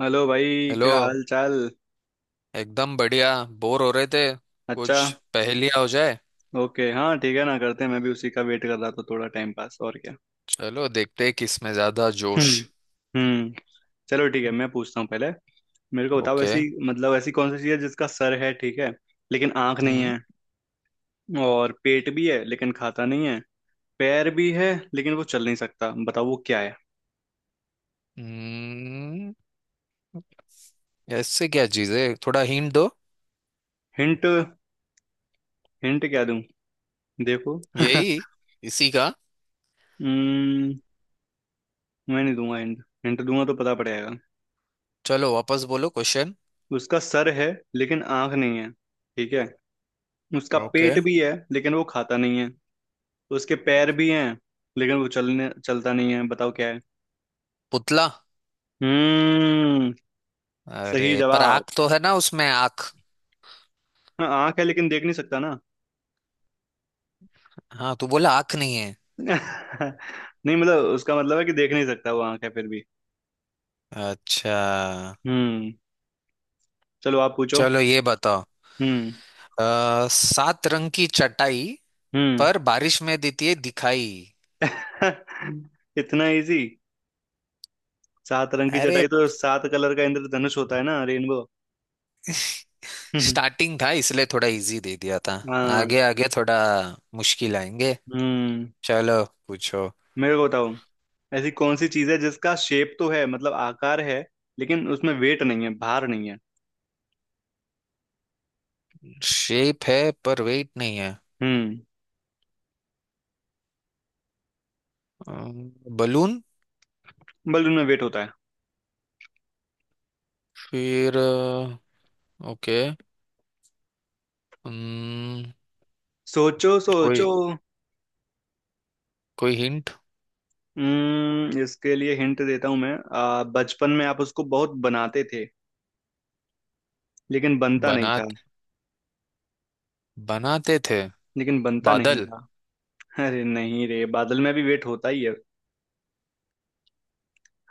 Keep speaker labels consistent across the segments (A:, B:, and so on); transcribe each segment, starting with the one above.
A: Hello भाई,
B: hello.
A: क्या हाल चाल?
B: एकदम बढ़िया। बोर हो रहे थे,
A: अच्छा।
B: कुछ पहेलियां हो जाए।
A: ओके, हाँ ठीक है ना करते हैं, मैं भी उसी का वेट कर रहा था, थोड़ा टाइम पास और क्या।
B: चलो देखते हैं किसमें ज्यादा जोश।
A: हम्म, हम्म। चलो ठीक है, मैं पूछता हूँ पहले। मेरे को बताओ
B: ओके।
A: ऐसी मतलब ऐसी कौन सी चीज़ है जिसका सर है, ठीक है, लेकिन आंख नहीं
B: हम्म।
A: है। और पेट भी है लेकिन खाता नहीं है। पैर भी है लेकिन वो चल नहीं सकता, बताओ वो क्या है?
B: हम्म, ऐसे क्या चीज है, थोड़ा हिंट दो।
A: हिंट? हिंट क्या दूं? देखो
B: यही, इसी का।
A: हम्म। मैं नहीं दूंगा हिंट, हिंट दूंगा तो पता पड़ जाएगा।
B: चलो वापस बोलो क्वेश्चन।
A: उसका सर है लेकिन आंख नहीं है, ठीक है। उसका
B: ओके।
A: पेट भी है लेकिन वो खाता नहीं है। उसके पैर भी हैं लेकिन वो चलने चलता नहीं है, बताओ क्या है?
B: पुतला।
A: हम्म। सही
B: अरे पर
A: जवाब।
B: आंख तो है ना उसमें, आंख।
A: हाँ आंख है लेकिन देख नहीं सकता ना
B: हाँ तू बोला आंख नहीं है।
A: नहीं, मतलब उसका मतलब है कि देख नहीं सकता, वो आंख है फिर भी।
B: अच्छा।
A: हम्म। चलो आप पूछो।
B: चलो ये बताओ।
A: हम्म,
B: सात रंग की चटाई,
A: हम्म।
B: पर बारिश में देती है दिखाई।
A: इतना इजी। सात रंग की
B: अरे
A: चटाई तो सात कलर का इंद्रधनुष होता है ना, रेनबो।
B: स्टार्टिंग था इसलिए थोड़ा इजी दे दिया था।
A: हाँ।
B: आगे आगे थोड़ा मुश्किल आएंगे।
A: हम्म।
B: चलो पूछो।
A: मेरे को बताओ, ऐसी कौन सी चीज है जिसका शेप तो है, मतलब आकार है, लेकिन उसमें वेट नहीं है, भार नहीं है।
B: शेप है पर वेट नहीं है।
A: हम्म।
B: बलून।
A: बल्कि उनमें वेट होता है।
B: फिर? ओके। कोई,
A: सोचो सोचो।
B: कोई हिंट।
A: हम्म, इसके लिए हिंट देता हूं मैं। बचपन में आप उसको बहुत बनाते थे लेकिन बनता नहीं
B: बना
A: था।
B: बनाते थे।
A: लेकिन बनता नहीं
B: बादल।
A: था। अरे नहीं रे, बादल में भी वेट होता ही है।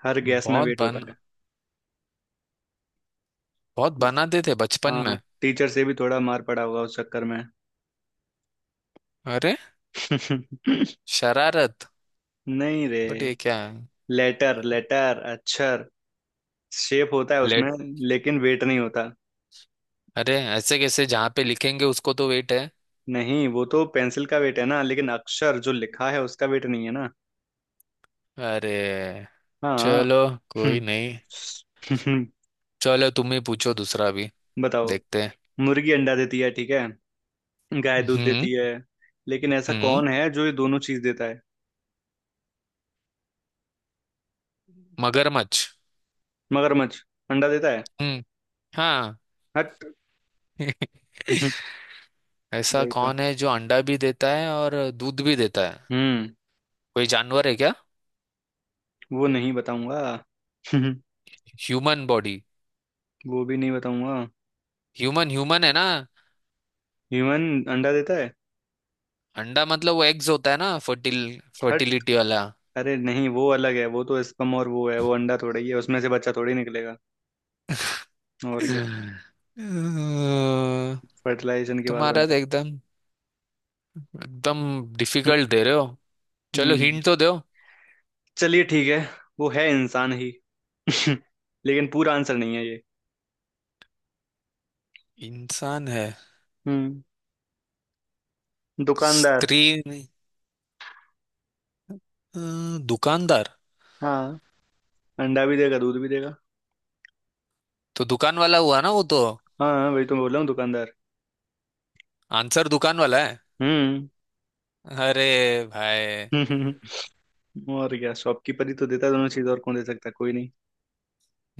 A: हर गैस में
B: बहुत
A: वेट होता
B: बन
A: है।
B: बहुत
A: जिस-
B: बनाते थे बचपन
A: हाँ,
B: में।
A: टीचर से भी थोड़ा मार पड़ा होगा उस चक्कर में
B: अरे। शरारत।
A: नहीं रे।
B: बट ये क्या है?
A: लेटर लेटर अक्षर, शेप होता है
B: लेट।
A: उसमें लेकिन वेट नहीं होता।
B: अरे ऐसे कैसे, जहाँ पे लिखेंगे उसको तो वेट है।
A: नहीं, वो तो पेंसिल का वेट है ना, लेकिन अक्षर जो लिखा है उसका वेट नहीं है ना।
B: अरे।
A: हाँ।
B: चलो, कोई
A: हम्म,
B: नहीं।
A: हम्म।
B: चलो तुम ही पूछो दूसरा भी।
A: बताओ।
B: देखते हैं।
A: मुर्गी अंडा देती है, ठीक है। गाय दूध
B: हम्म।
A: देती है। लेकिन ऐसा
B: हम्म।
A: कौन है जो ये दोनों चीज देता है?
B: मगरमच्छ।
A: मगरमच्छ अंडा देता है?
B: हम्म। हाँ।
A: हट। हम्म,
B: ऐसा
A: वही तो।
B: कौन है जो अंडा भी देता है और दूध भी देता है?
A: हम्म।
B: कोई जानवर है क्या?
A: वो नहीं बताऊंगा। हम्म,
B: ह्यूमन बॉडी।
A: वो भी नहीं बताऊंगा।
B: ह्यूमन ह्यूमन है ना।
A: ह्यूमन अंडा देता है?
B: अंडा मतलब वो एग्स होता है ना,
A: हट।
B: फर्टिलिटी वाला।
A: अरे नहीं, वो अलग है, वो तो स्पर्म और वो है, वो अंडा थोड़ा ही है, उसमें से बच्चा थोड़ी निकलेगा। और क्या।
B: अ,
A: फर्टिलाइजेशन के बाद
B: तुम्हारा तो
A: बनता
B: एकदम एकदम
A: है।
B: डिफिकल्ट दे रहे हो। चलो
A: हम्म।
B: हिंट तो दो।
A: चलिए ठीक है। वो है इंसान ही लेकिन पूरा आंसर नहीं है ये।
B: इंसान है।
A: हम्म। दुकानदार।
B: स्त्री? नहीं। अ, दुकानदार?
A: हाँ, अंडा भी देगा दूध भी देगा।
B: तो दुकान वाला हुआ ना वो तो।
A: हाँ हाँ, वही तो मैं बोल रहा हूँ, दुकानदार।
B: आंसर दुकान वाला है।
A: हम्म।
B: अरे भाई।
A: और क्या, शॉपकीपर ही तो देता है दोनों चीज, और कौन दे सकता है, कोई नहीं।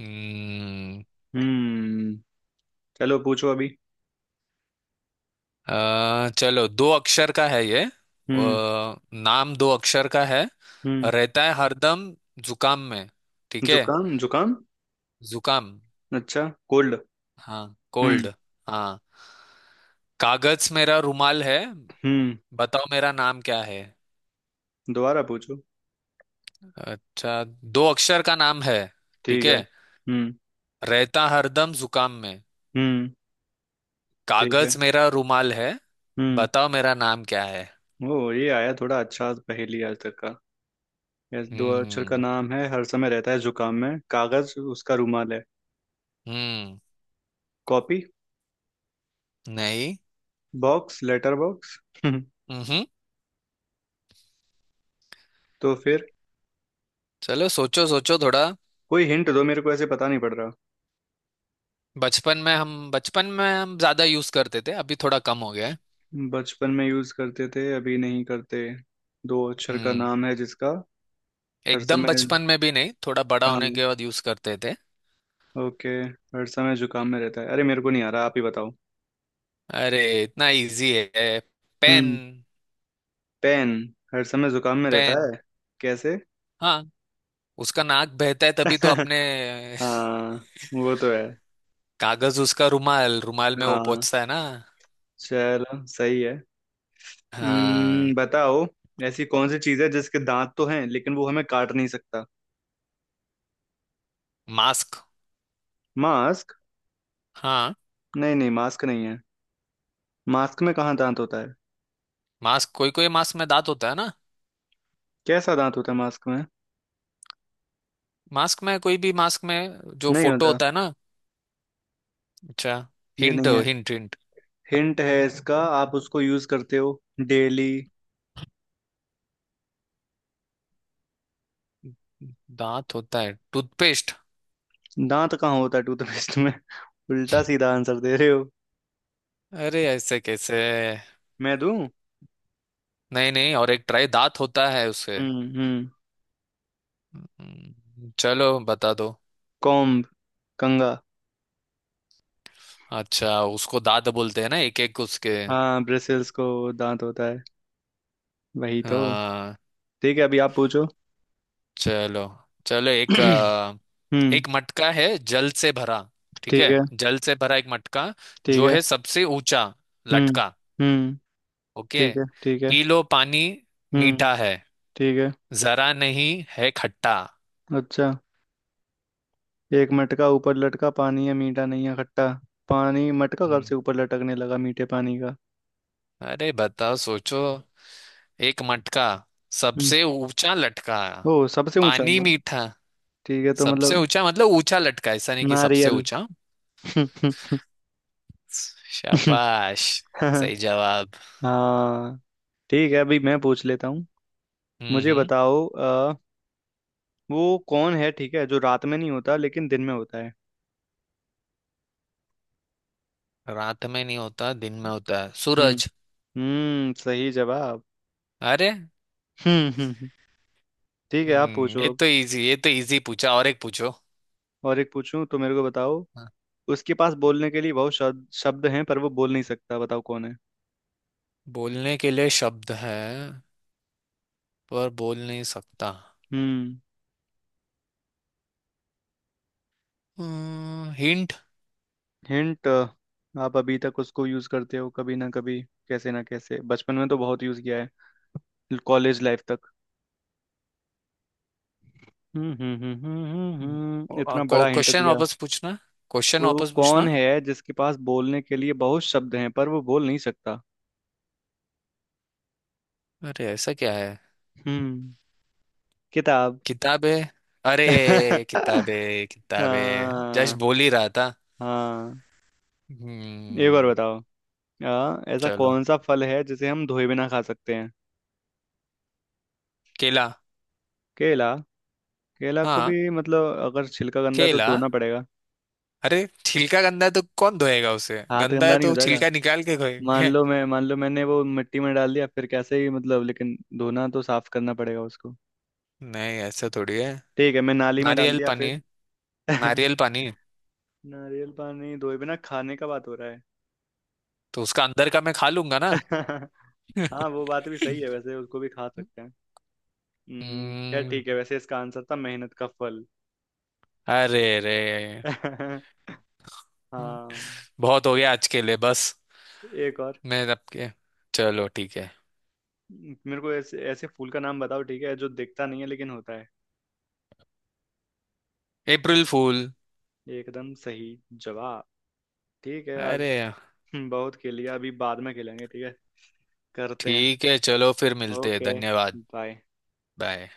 B: हम्म।
A: हम्म। चलो पूछो अभी।
B: चलो दो अक्षर का है ये।
A: हम्म,
B: नाम दो अक्षर का है,
A: हम्म।
B: रहता है हरदम जुकाम में, ठीक है?
A: जुकाम? जुकाम?
B: जुकाम।
A: अच्छा, कोल्ड।
B: हाँ कोल्ड।
A: हम्म।
B: हाँ। कागज मेरा रुमाल है,
A: हम्म।
B: बताओ मेरा नाम क्या है।
A: दोबारा पूछो।
B: अच्छा, दो अक्षर का नाम है, ठीक
A: ठीक
B: है?
A: है, हम्म।
B: रहता हरदम जुकाम में,
A: हम्म। ठीक है।
B: कागज मेरा रुमाल है,
A: हम्म।
B: बताओ मेरा नाम क्या है।
A: ओ, ये आया थोड़ा अच्छा पहेली आज तक का। यस, दो अक्षर का
B: हम्म।
A: नाम है, हर समय रहता है जुकाम में, कागज उसका रूमाल है।
B: हम्म।
A: कॉपी?
B: नहीं।
A: Box, letter box?
B: हम्म।
A: तो फिर?
B: चलो सोचो सोचो थोड़ा।
A: कोई हिंट दो मेरे को, ऐसे पता नहीं पड़ रहा।
B: बचपन में हम ज्यादा यूज करते थे, अभी थोड़ा कम हो गया है।
A: बचपन में यूज करते थे अभी नहीं करते? दो अक्षर का
B: हम्म।
A: नाम है जिसका? हर
B: एकदम
A: समय।
B: बचपन में भी नहीं, थोड़ा बड़ा
A: हाँ।
B: होने के बाद यूज करते थे।
A: ओके। हर समय जुकाम में रहता है, अरे मेरे को नहीं आ रहा, आप ही बताओ।
B: अरे इतना इजी है, पेन।
A: हम्म। पेन। हर समय जुकाम में रहता
B: पेन,
A: है, कैसे?
B: हाँ। उसका नाक बहता है तभी तो अपने
A: हाँ। वो तो है।
B: कागज उसका रुमाल, रुमाल में वो
A: हाँ,
B: पहुंचता है ना।
A: चलो सही है।
B: हाँ।
A: हम्म, बताओ। ऐसी कौन सी चीज है जिसके दांत तो हैं लेकिन वो हमें काट नहीं सकता?
B: मास्क।
A: मास्क?
B: हाँ।
A: नहीं नहीं, मास्क नहीं है। मास्क में कहाँ दांत होता है?
B: मास्क, कोई कोई मास्क में दांत होता है ना।
A: कैसा दांत होता है मास्क में?
B: मास्क में, कोई भी मास्क में जो
A: नहीं
B: फोटो
A: होता।
B: होता है ना। अच्छा।
A: ये
B: हिंट
A: नहीं है।
B: Hint hint.
A: हिंट है इसका, आप उसको यूज करते हो डेली।
B: दांत होता है, टूथपेस्ट।
A: दांत कहाँ होता है टूथपेस्ट में? उल्टा सीधा आंसर दे रहे हो।
B: अरे ऐसे कैसे।
A: मैं दूं?
B: नहीं नहीं, और एक ट्राई, दांत होता है उसे।
A: हम्म, हम्म।
B: चलो बता दो।
A: कॉम्ब, कंघा।
B: अच्छा, उसको दांत बोलते हैं ना एक एक उसके।
A: हाँ, ब्रिसल्स को दांत होता है, वही तो।
B: हाँ।
A: ठीक है अभी आप पूछो।
B: चलो। चलो एक अ,
A: हम्म।
B: एक मटका है जल से भरा, ठीक
A: ठीक
B: है?
A: है,
B: जल से भरा एक मटका,
A: ठीक
B: जो
A: है।
B: है सबसे ऊंचा
A: हम्म,
B: लटका।
A: हम्म।
B: ओके।
A: ठीक है, ठीक है।
B: पी लो पानी,
A: हम्म।
B: मीठा है,
A: ठीक है।
B: जरा नहीं है खट्टा।
A: अच्छा, एक मटका ऊपर लटका, पानी है मीठा नहीं है खट्टा। पानी मटका कब
B: हम्म,
A: से ऊपर लटकने लगा मीठे पानी का?
B: अरे बताओ, सोचो। एक मटका,
A: हम्म।
B: सबसे ऊंचा लटका,
A: ओ,
B: पानी मीठा।
A: ठीक है तो
B: सबसे
A: मतलब,
B: ऊंचा मतलब ऊंचा लटका, ऐसा नहीं कि सबसे
A: नारियल
B: ऊंचा। शाबाश, सही जवाब।
A: हाँ। ठीक है अभी मैं पूछ लेता हूँ।
B: हम्म।
A: मुझे
B: हम्म।
A: बताओ वो कौन है, ठीक है, जो रात में नहीं होता लेकिन दिन में होता है?
B: रात में नहीं होता दिन में होता है,
A: हम्म।
B: सूरज।
A: हम्म, सही जवाब।
B: अरे।
A: हम्म, ठीक है आप
B: हम्म,
A: पूछो अब।
B: ये तो इजी पूछा, और एक पूछो।
A: और एक पूछूं? तो मेरे को बताओ,
B: हाँ।
A: उसके पास बोलने के लिए बहुत शब्द शब्द हैं पर वो बोल नहीं सकता, बताओ कौन है?
B: बोलने के लिए शब्द है, पर बोल नहीं सकता।
A: हम्म।
B: हिंट।
A: हिंट? आप अभी तक उसको यूज करते हो कभी ना कभी, कैसे ना कैसे। बचपन में तो बहुत यूज किया है कॉलेज लाइफ तक। हम्म, हम्म, हम्म, हम्म। इतना बड़ा हिंट
B: क्वेश्चन
A: दिया।
B: वापस पूछना क्वेश्चन
A: वो
B: वापस
A: कौन
B: पूछना।
A: है जिसके पास बोलने के लिए बहुत शब्द हैं पर वो बोल नहीं सकता?
B: अरे ऐसा क्या है?
A: हम्म। किताब।
B: किताबे। अरे किताबे किताबे, जस्ट
A: हाँ।
B: बोल ही रहा था।
A: हाँ, एक बार
B: हम्म।
A: बताओ। हाँ, ऐसा
B: चलो,
A: कौन सा फल है जिसे हम धोए बिना खा सकते हैं?
B: केला।
A: केला? केला को
B: हाँ
A: भी, मतलब, अगर छिलका गंदा है तो
B: केला।
A: धोना पड़ेगा,
B: अरे छिलका गंदा है तो कौन धोएगा उसे,
A: हाथ
B: गंदा
A: गंदा
B: है
A: नहीं हो
B: तो
A: जाएगा?
B: छिलका निकाल के धोएंगे।
A: मान लो मैंने वो मिट्टी में डाल दिया फिर, कैसे ही मतलब, लेकिन धोना तो साफ करना पड़ेगा उसको।
B: नहीं ऐसा थोड़ी है।
A: ठीक है, मैं नाली में डाल
B: नारियल
A: दिया
B: पानी
A: फिर।
B: है। नारियल पानी है।
A: नारियल पानी धोए बिना खाने का बात हो रहा है?
B: तो उसका अंदर का मैं खा लूंगा ना।
A: हाँ वो बात भी सही है, वैसे उसको भी खा सकते हैं। हम्म, क्या?
B: हम्म।
A: ठीक है, वैसे इसका आंसर था मेहनत का फल।
B: अरे रे।
A: हाँ।
B: बहुत हो गया आज के लिए, बस।
A: एक और।
B: मैं आपके, चलो ठीक है।
A: मेरे को ऐसे ऐसे फूल का नाम बताओ, ठीक है, जो दिखता नहीं है लेकिन होता है।
B: अप्रैल फूल।
A: एकदम सही जवाब। ठीक है, आज
B: अरे।
A: बहुत खेल लिया, अभी बाद में खेलेंगे, ठीक है, करते हैं।
B: ठीक है, चलो फिर मिलते हैं,
A: ओके।
B: धन्यवाद।
A: बाय।
B: बाय।